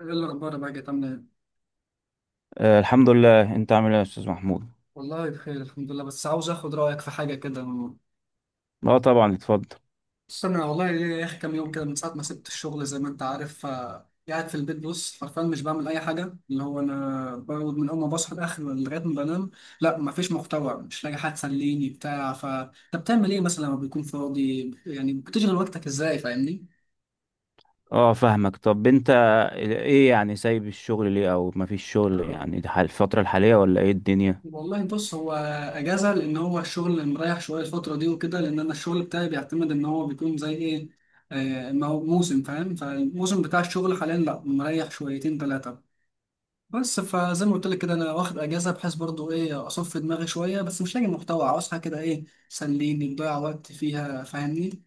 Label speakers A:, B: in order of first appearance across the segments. A: ايه الاخبار بقى كده؟ عامله ايه؟
B: الحمد لله، انت عامل ايه يا استاذ محمود؟
A: والله بخير الحمد لله، بس عاوز اخد رايك في حاجه كده.
B: اه طبعا اتفضل.
A: استنى والله ليا يا اخي كام يوم كده من ساعه ما سبت الشغل، زي ما انت عارف قاعد في البيت، بص فرفان مش بعمل اي حاجه، اللي هو انا بقعد من اول ما بصحى لاخر لغايه ما بنام. لا مفيش محتوى، مش لاقي حد تسليني بتاع. ف انت بتعمل ايه مثلا لما بيكون فاضي؟ يعني بتشغل وقتك ازاي؟ فاهمني؟
B: اه فاهمك. طب انت ايه يعني سايب الشغل ليه او مفيش شغل يعني ده الفترة الحالية ولا ايه الدنيا؟
A: والله بص، هو اجازه، لان هو الشغل مريح شويه الفتره دي وكده، لان انا الشغل بتاعي بيعتمد ان هو بيكون زي ايه، ما هو موسم، فاهم؟ فالموسم بتاع الشغل حاليا لا مريح شويتين ثلاثه. بس فزي ما قلت لك كده، انا واخد اجازه بحيث برضو ايه، اصفي دماغي شويه، بس مش لاقي محتوى، عاوز حاجه كده ايه تسليني، تضيع وقت فيها، فاهمني؟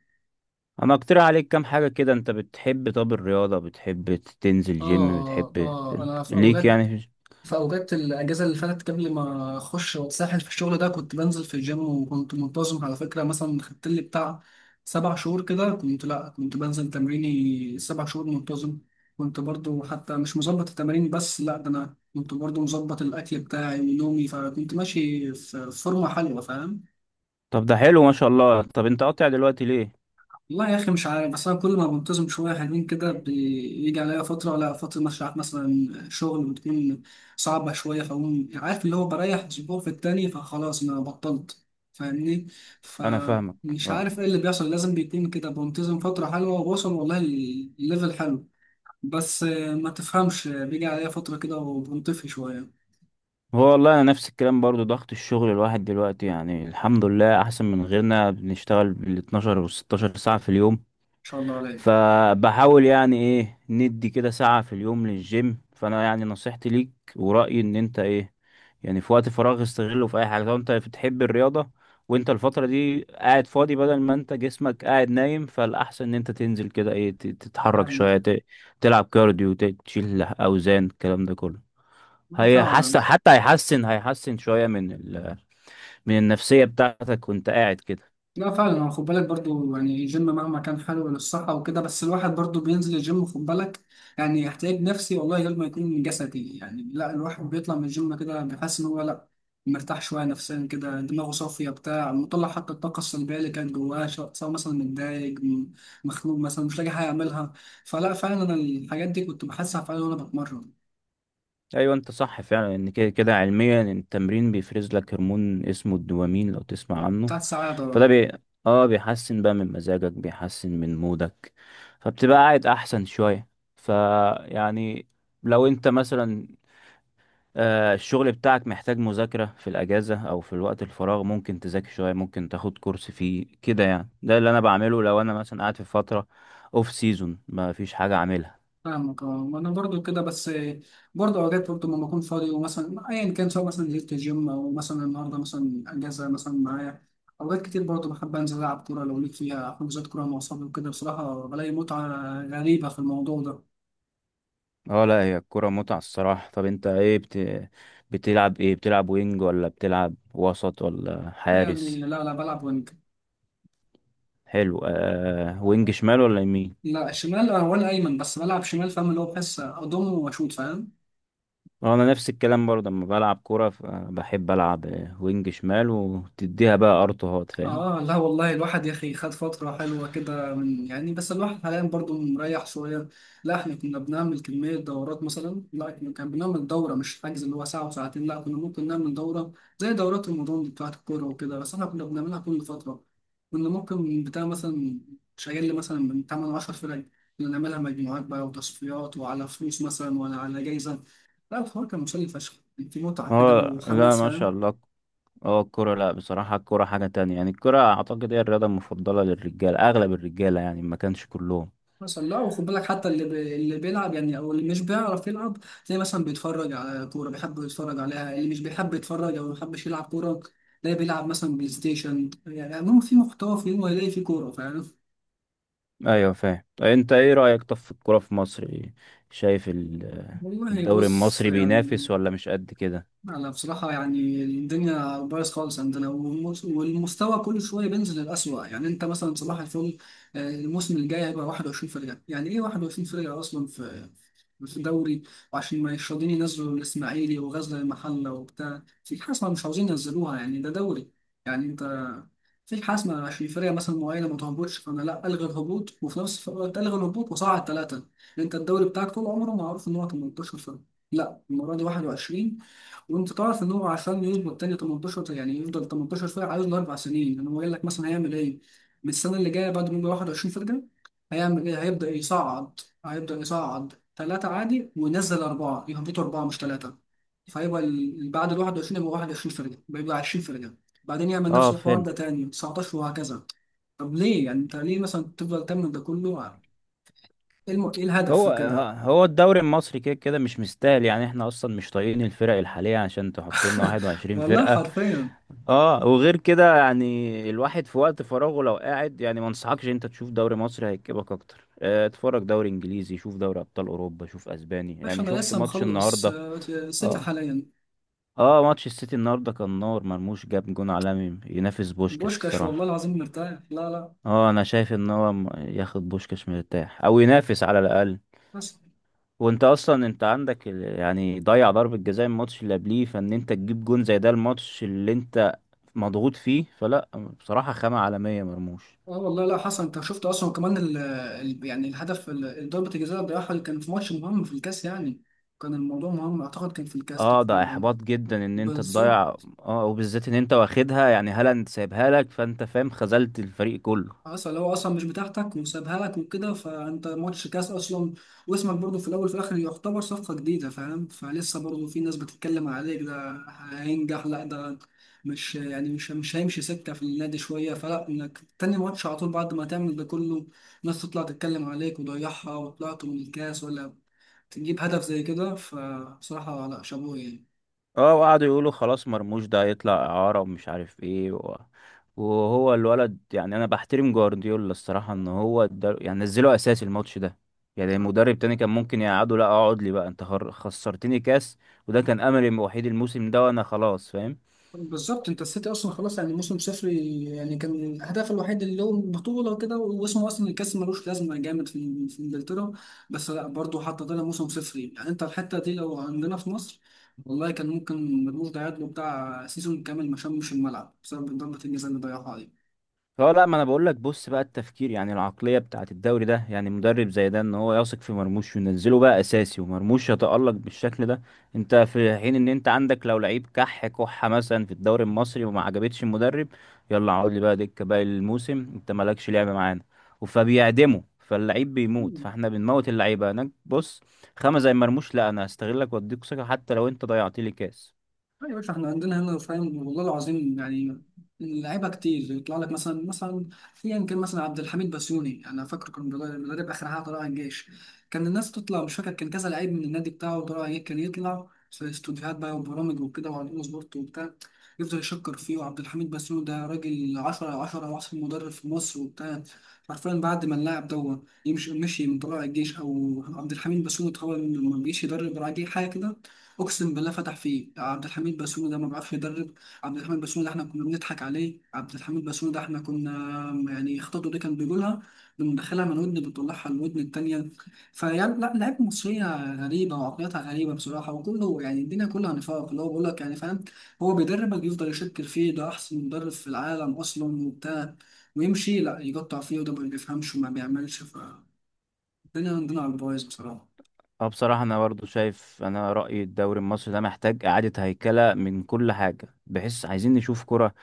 B: انا اقترح عليك كام حاجة كده. انت بتحب؟ طب الرياضة بتحب تنزل جيم؟
A: اه
B: بتحب
A: اه انا في
B: ليك
A: اوقات،
B: يعني؟
A: في أوقات الأجازة اللي فاتت قبل ما أخش وأتسحل في الشغل ده، كنت بنزل في الجيم وكنت منتظم على فكرة. مثلا خدت لي بتاع سبع شهور كده، كنت لأ كنت بنزل تمريني سبع شهور منتظم. كنت برضو حتى مش مظبط التمارين، بس لأ ده أنا كنت برضو مظبط الأكل بتاعي ونومي، فكنت ماشي في فورمة حلوة، فاهم؟
B: طب ده حلو ما شاء الله. طب انت قاطع دلوقتي ليه؟
A: والله يا اخي مش عارف، بس انا كل ما بنتظم شويه حلوين كده، بيجي عليا فتره، لا فتره مش عارف مثلا شغل بتكون صعبه شويه، فاقوم عارف اللي هو بريح اسبوع في التاني، فخلاص انا بطلت، فاهمني؟
B: انا فاهمك
A: فمش عارف
B: اه.
A: ايه اللي بيحصل، لازم بيكون كده بنتظم فتره حلوه وبوصل والله الليفل حلو، بس ما تفهمش بيجي عليا فتره كده وبنطفي شويه. ان
B: هو والله انا نفس الكلام برضو، ضغط الشغل. الواحد دلوقتي يعني الحمد لله احسن من غيرنا، بنشتغل بال 12 و 16 ساعة في اليوم،
A: شاء الله عليك.
B: فبحاول يعني ايه ندي كده ساعة في اليوم للجيم. فانا يعني نصيحتي ليك ورأيي ان انت ايه يعني في وقت فراغ استغله في اي حاجة. لو انت بتحب الرياضة وانت الفترة دي قاعد فاضي، بدل ما انت جسمك قاعد نايم فالاحسن ان انت تنزل كده ايه، تتحرك
A: فاهم.
B: شوية، تلعب كارديو، تشيل اوزان، الكلام ده كله. هي
A: فعلا.
B: حس حتى هيحسن شوية من من النفسية بتاعتك وانت قاعد كده.
A: لا فعلا، هو خد بالك برضو، يعني الجيم مهما كان حلو للصحة وكده، بس الواحد برضو بينزل الجيم، خد بالك، يعني احتياج نفسي والله غير ما يكون جسدي. يعني لا الواحد بيطلع من الجيم كده بيحس ان هو لا مرتاح شوية نفسيا، كده دماغه صافية بتاع، مطلع حتى الطاقة السلبية اللي كانت جواه، سواء مثلا متضايق، مخنوق مثلا، مش لاقي حاجة أعملها. فلا فعلا أنا الحاجات دي كنت بحسها فعلا وأنا بتمرن
B: ايوه انت صح فعلا، ان كده كده علميا التمرين بيفرز لك هرمون اسمه الدوبامين، لو تسمع عنه.
A: بتاعت ساعات.
B: فده بي... اه، بيحسن بقى من مزاجك، بيحسن من مودك، فبتبقى قاعد احسن شوية. فيعني لو انت مثلا الشغل بتاعك محتاج مذاكرة، في الاجازة او في الوقت الفراغ ممكن تذاكر شوية، ممكن تاخد كورس فيه كده. يعني ده اللي انا بعمله لو انا مثلا قاعد في فترة اوف سيزون ما فيش حاجة اعملها.
A: فاهمك. اه انا برضو كده بس، برضو اوقات برضو لما بكون فاضي، ومثلا ايا كان سواء مثلا نزلت الجيم او مثلا النهارده مثلا اجازه مثلا معايا، اوقات كتير برضو بحب انزل العب كوره، لو ليك فيها حجوزات كوره مع اصحابي وكده، بصراحه بلاقي متعه غريبه في الموضوع ده.
B: اه لا، هي الكرة متعة الصراحة. طب انت ايه بتلعب ايه؟ بتلعب وينج ولا بتلعب وسط ولا
A: يعني
B: حارس؟
A: لا لا بلعب وينج.
B: حلو، آه وينج شمال ولا يمين؟
A: لا الشمال، ولا ايمن بس بلعب شمال، فاهم؟ اللي هو بحس اضم واشوط، فاهم؟
B: اه انا نفس الكلام برضه، لما بلعب كرة بحب العب وينج شمال وتديها بقى ارتوهات فاهم.
A: اه لا والله الواحد يا اخي خد فترة حلوة كده، من يعني بس الواحد حاليا برضو مريح شوية. لا احنا كنا بنعمل كمية دورات، مثلا لا احنا كان بنعمل دورة مش حجز اللي هو ساعة وساعتين، لا كنا ممكن نعمل دورة زي دورات رمضان دي بتاعت الكورة وكده، بس احنا كنا بنعملها كل فترة. كنا ممكن بتاع مثلا شغال لي مثلا من 8 10 فرق، كنا نعملها مجموعات بقى وتصفيات، وعلى فلوس مثلا ولا على جايزة. لا الحوار كان مسلي فشخ، كان في متعة كده
B: اه لا
A: وحماس،
B: ما شاء
A: فاهم؟
B: الله. اه الكرة، لا بصراحة الكرة حاجة تانية. يعني الكرة اعتقد هي الرياضة المفضلة للرجال، اغلب الرجالة يعني ما كانش كلهم.
A: مثلا لا، وخد بالك حتى اللي بيلعب يعني، او اللي مش بيعرف يلعب، تلاقي مثلا بيتفرج على كوره، بيحب يتفرج عليها. اللي مش بيحب يتفرج او ما بيحبش يلعب كوره، تلاقي بيلعب مثلا بلاي ستيشن. يعني المهم في محتوى، في يوم هيلاقي في كوره، فاهم؟
B: ايوه فاهم. انت ايه رأيك طب في الكورة في مصر إيه؟ شايف
A: والله
B: الدوري
A: بص
B: المصري
A: يعني،
B: بينافس ولا مش قد كده؟
A: انا بصراحه يعني الدنيا بايظ خالص عندنا، والمستوى كل شويه بينزل للأسوأ. يعني انت مثلا صباح الفل، الموسم الجاي هيبقى 21 فرقه، يعني ايه 21 فرقه اصلا في الدوري؟ وعشان ما يشردين ينزلوا الاسماعيلي وغزل المحله وبتاع في حاسمه مش عاوزين ينزلوها، يعني ده دوري يعني. انت في حاسمه عشان فرقه مثلا معينه ما تهبطش، فانا لا الغي الهبوط، وفي نفس الوقت الغي الهبوط وصعد ثلاثه. انت الدوري بتاعك طول عمره معروف ان هو 18 فرقه، لا المره دي 21. وانت تعرف ان هو عشان يظبط التاني 18، يعني يفضل 18 فرقه، عايز له اربع سنين. يعني هو قال لك مثلا هيعمل ايه؟ من السنه اللي جايه بعد ما يبقى 21 فرقه هيعمل ايه؟ هيبدا يصعد، هيبدا يصعد ثلاثه عادي وينزل اربعه، يهبطوا اربعه مش ثلاثه، فيبقى بعد ال 21 يبقى 21 فرقه، بيبقى 20 فرقه. بعدين يعمل نفس
B: اه
A: الحوار
B: فهمت.
A: ده تاني 19 وهكذا. طب ليه يعني انت ليه مثلا تفضل تعمل ده كله؟ ايه إيه الهدف
B: هو
A: في كده؟
B: هو الدوري المصري كده كده مش مستاهل. يعني احنا اصلا مش طايقين الفرق الحالية عشان تحط لنا 21
A: والله
B: فرقة.
A: حرفيا.
B: اه وغير كده، يعني الواحد في وقت فراغه لو قاعد يعني ما انصحكش انت تشوف دوري مصري، هيكبك اكتر. اتفرج دوري انجليزي، شوف دوري ابطال اوروبا، شوف اسباني.
A: باش
B: يعني
A: انا
B: شفت
A: لسه
B: ماتش
A: مخلص
B: النهارده؟
A: سيتي
B: آه.
A: حاليا.
B: اه ماتش السيتي النهارده كان نار، مرموش جاب جون عالمي ينافس بوشكاش
A: بوشكاش، والله
B: الصراحه.
A: العظيم مرتاح. لا لا
B: اه انا شايف ان هو ياخد بوشكاش مرتاح، او ينافس على الاقل.
A: حسن.
B: وانت اصلا انت عندك يعني ضيع ضربه جزاء الماتش اللي قبليه، فان انت تجيب جون زي ده الماتش اللي انت مضغوط فيه، فلا بصراحه خامه عالميه مرموش.
A: اه والله لا حسن، انت شفت اصلا كمان يعني الهدف ضربة الجزاء اللي ضيعها، اللي كان في ماتش مهم في الكاس يعني، كان الموضوع مهم، اعتقد كان في الكاس
B: اه ده
A: تقريبا.
B: احباط جدا ان انت تضيع،
A: بالظبط.
B: اه وبالذات ان انت واخدها. يعني هالاند سايبها لك، فانت فاهم خذلت الفريق كله.
A: اصل هو اصلا مش بتاعتك وسابها لك وكده، فانت ماتش كاس اصلا، واسمك برضه في الاول وفي الاخر يعتبر صفقه جديده، فاهم؟ فلسه برضه في ناس بتتكلم عليك، ده هينجح لا ده، مش يعني مش مش هيمشي سكه في النادي شويه، فلا انك تاني ماتش على طول بعد ما تعمل ده كله، ناس تطلع تتكلم عليك وضيعها وطلعت من الكاس، ولا تجيب هدف زي كده، فبصراحه لا شابوه يعني.
B: اه وقعدوا يقولوا خلاص مرموش ده هيطلع إعارة ومش عارف ايه وهو الولد، يعني انا بحترم جوارديولا الصراحة ان هو ده يعني نزله اساسي الماتش ده. يعني مدرب تاني كان ممكن يقعده، لا اقعد لي بقى انت خسرتني كاس، وده كان املي الوحيد الموسم ده وانا خلاص فاهم.
A: بالظبط، انت السيتي اصلا خلاص يعني موسم صفري، يعني كان هدفه الوحيد اللي هو البطوله وكده، واسمه اصلا الكاس ملوش لازمه جامد في في انجلترا، بس لا برضه حتى طلع موسم صفري. يعني انت الحته دي لو عندنا في مصر، والله كان ممكن مرموش ده يعادله بتاع سيزون كامل ما شمش الملعب بسبب ضربه الجزاء اللي ضيعها
B: اه لا، ما انا بقول لك بص بقى التفكير، يعني العقليه بتاعت الدوري ده. يعني مدرب زي ده ان هو يثق في مرموش وينزله بقى اساسي، ومرموش يتالق بالشكل ده. انت في حين ان انت عندك لو لعيب كح كحه مثلا في الدوري المصري وما عجبتش المدرب، يلا اقعد لي بقى دكه باقي الموسم انت مالكش لعبه معانا. فبيعدمه، فاللعيب بيموت،
A: عليه.
B: فاحنا بنموت اللعيبه هناك. بص خامه زي مرموش، لا انا هستغلك واديك ثقه حتى لو انت ضيعت لي كاس.
A: لا يا باشا احنا عندنا هنا، فاهم؟ والله العظيم يعني اللعيبه كتير، يطلع لك مثلا مثلا ايا كان مثلا عبد الحميد بسيوني، انا فاكر كان مدرب مدرب اخر حاجه طلع الجيش، كان الناس تطلع، مش فاكر كان كذا لعيب من النادي بتاعه طلع الجيش، كان يطلع في استوديوهات بقى وبرامج وكده وعلى اون سبورت وبتاع، يفضل يشكر فيه، وعبد الحميد بسيوني ده راجل 10 على 10، واحسن مدرب في مصر وبتاع. حرفيا بعد ما اللاعب ده يمشي، مشي من طلائع الجيش، او عبد الحميد بسيوني اتخرج ما بيجيش يدرب راجل حاجه كده. اقسم بالله فتح فيه، عبد الحميد بسوني ده ما بيعرفش يدرب. عبد الحميد بسوني ده احنا كنا بنضحك عليه، عبد الحميد بسوني ده احنا كنا يعني خطته دي كان بيقولها، بندخلها من ودن بنطلعها الودن التانية. فيعني لا لعيبه مصريه غريبه وعقليتها غريبه بصراحه، وكله يعني الدنيا كلها نفاق، اللي هو بيقول لك يعني، فاهم؟ هو بيدربك يفضل يشكر فيه، ده احسن مدرب في العالم اصلا وبتاع، ويمشي لا يقطع فيه، وده ما بيفهمش وما بيعملش. فالدنيا عندنا على البايظ بصراحه.
B: اه بصراحة أنا برضو شايف، أنا رأيي الدوري المصري ده محتاج إعادة هيكلة من كل حاجة، بحيث عايزين نشوف كرة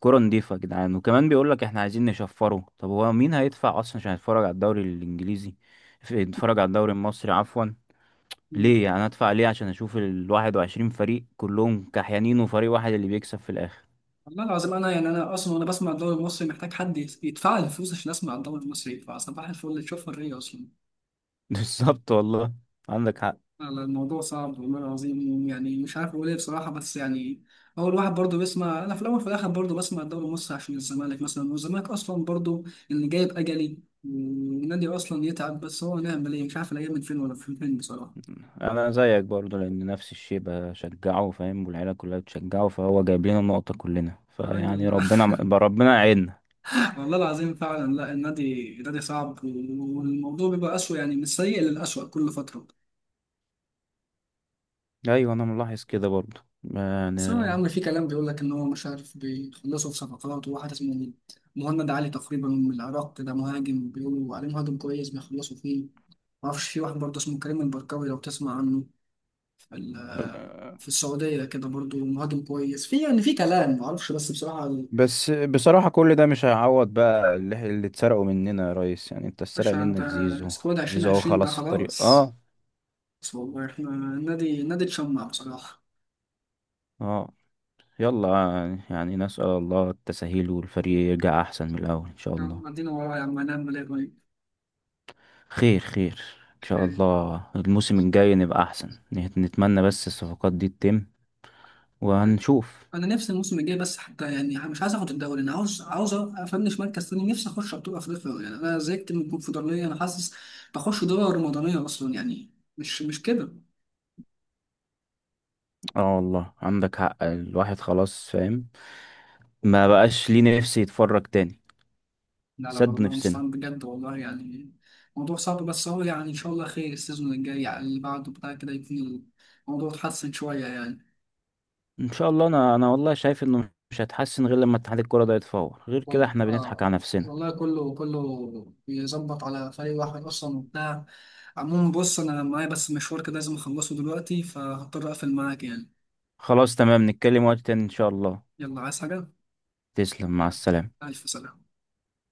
B: كرة نضيفة يا جدعان. وكمان بيقولك إحنا عايزين نشفره. طب هو مين هيدفع أصلا عشان يتفرج على الدوري الإنجليزي، يتفرج على الدوري المصري عفوا؟ ليه يعني أنا أدفع ليه عشان أشوف الواحد وعشرين فريق كلهم كحيانين وفريق واحد اللي بيكسب في الآخر؟
A: والله العظيم انا يعني انا اصلا وانا بسمع الدوري المصري محتاج حد يدفع لي الفلوس عشان اسمع الدوري المصري، فصباح الفل اللي تشوف الرية اصلا.
B: بالظبط والله، عندك حق.
A: لا، الموضوع صعب والله العظيم، يعني مش عارف اقول ايه بصراحه، بس يعني هو الواحد برضه بيسمع، انا في الاول وفي الاخر برضه بسمع الدوري المصري عشان الزمالك مثلا، والزمالك اصلا برضه اللي جايب اجلي، والنادي اصلا يتعب، بس هو نعمل ايه؟ مش عارف الايام من فين ولا من فين بصراحه.
B: انا زيك برضو لان نفس الشيء بشجعه فاهم، والعيله كلها بتشجعه، فهو جايب لنا النقطه كلنا.
A: يا
B: فيعني
A: راجل.
B: ربنا، ربنا يعيننا.
A: والله العظيم فعلا. لا النادي النادي صعب، والموضوع بيبقى اسوء، يعني من السيء للاسوء كل فتره.
B: ايوه انا ملاحظ كده برضو يعني.
A: بس هو يا عم في كلام بيقول لك إن هو مش عارف بيخلصوا في صفقات، وواحد اسمه مهند علي تقريبا من العراق ده مهاجم، بيقولوا عليه مهاجم كويس بيخلصوا فيه. معرفش في واحد برضه اسمه كريم البركاوي، لو تسمع عنه، في في السعودية كده برضه مهاجم كويس. في يعني في كلام معرفش، بس بصراحة
B: بس بصراحه كل ده مش هيعوض بقى اللي اتسرقوا مننا يا ريس. يعني انت اتسرق
A: باشا أنت
B: منك زيزو.
A: سكواد
B: زيزو اهو
A: 2020 ده
B: خلاص في الطريق.
A: خلاص.
B: اه
A: بس والله إحنا النادي النادي اتشمع بصراحة.
B: اه، يلا يعني، يعني نسأل الله التسهيل والفريق يرجع احسن من الاول ان شاء
A: يا
B: الله.
A: عم عدينا وراه يا عم، هنعمل إيه؟
B: خير خير. ان شاء
A: طيب.
B: الله الموسم الجاي نبقى احسن، نتمنى بس الصفقات دي تتم
A: طيب.
B: وهنشوف.
A: انا نفسي الموسم الجاي بس حتى، يعني مش عايز اخد الدوري، انا عاوز عاوز افنش مركز تاني، نفسي اخش ابطال افريقيا، يعني انا زهقت من الكونفدراليه، انا حاسس بخش دوري رمضانيه اصلا، يعني مش كده.
B: اه والله عندك حق، الواحد خلاص فاهم ما بقاش ليه نفس يتفرج تاني.
A: لا لا
B: سد
A: والله
B: نفسنا.
A: مستعان بجد والله، يعني موضوع صعب. بس هو يعني ان شاء الله خير، السيزون الجاي على اللي بعده بتاع كده يكون الموضوع اتحسن شويه يعني.
B: ان شاء الله. انا والله شايف انه مش هتحسن غير لما اتحاد الكرة ده يتفور، غير كده
A: وال-
B: احنا بنضحك
A: آه،
B: على نفسنا.
A: والله كله كله بيظبط على فريق واحد اصلا وبتاع. عموما بص، انا معايا بس مشوار كده لازم اخلصه دلوقتي، فهضطر اقفل معاك يعني.
B: خلاص تمام، نتكلم وقت تاني ان شاء الله.
A: يلا، عايز حاجة؟
B: تسلم، مع
A: حبيبي،
B: السلامة.
A: الف سلامة.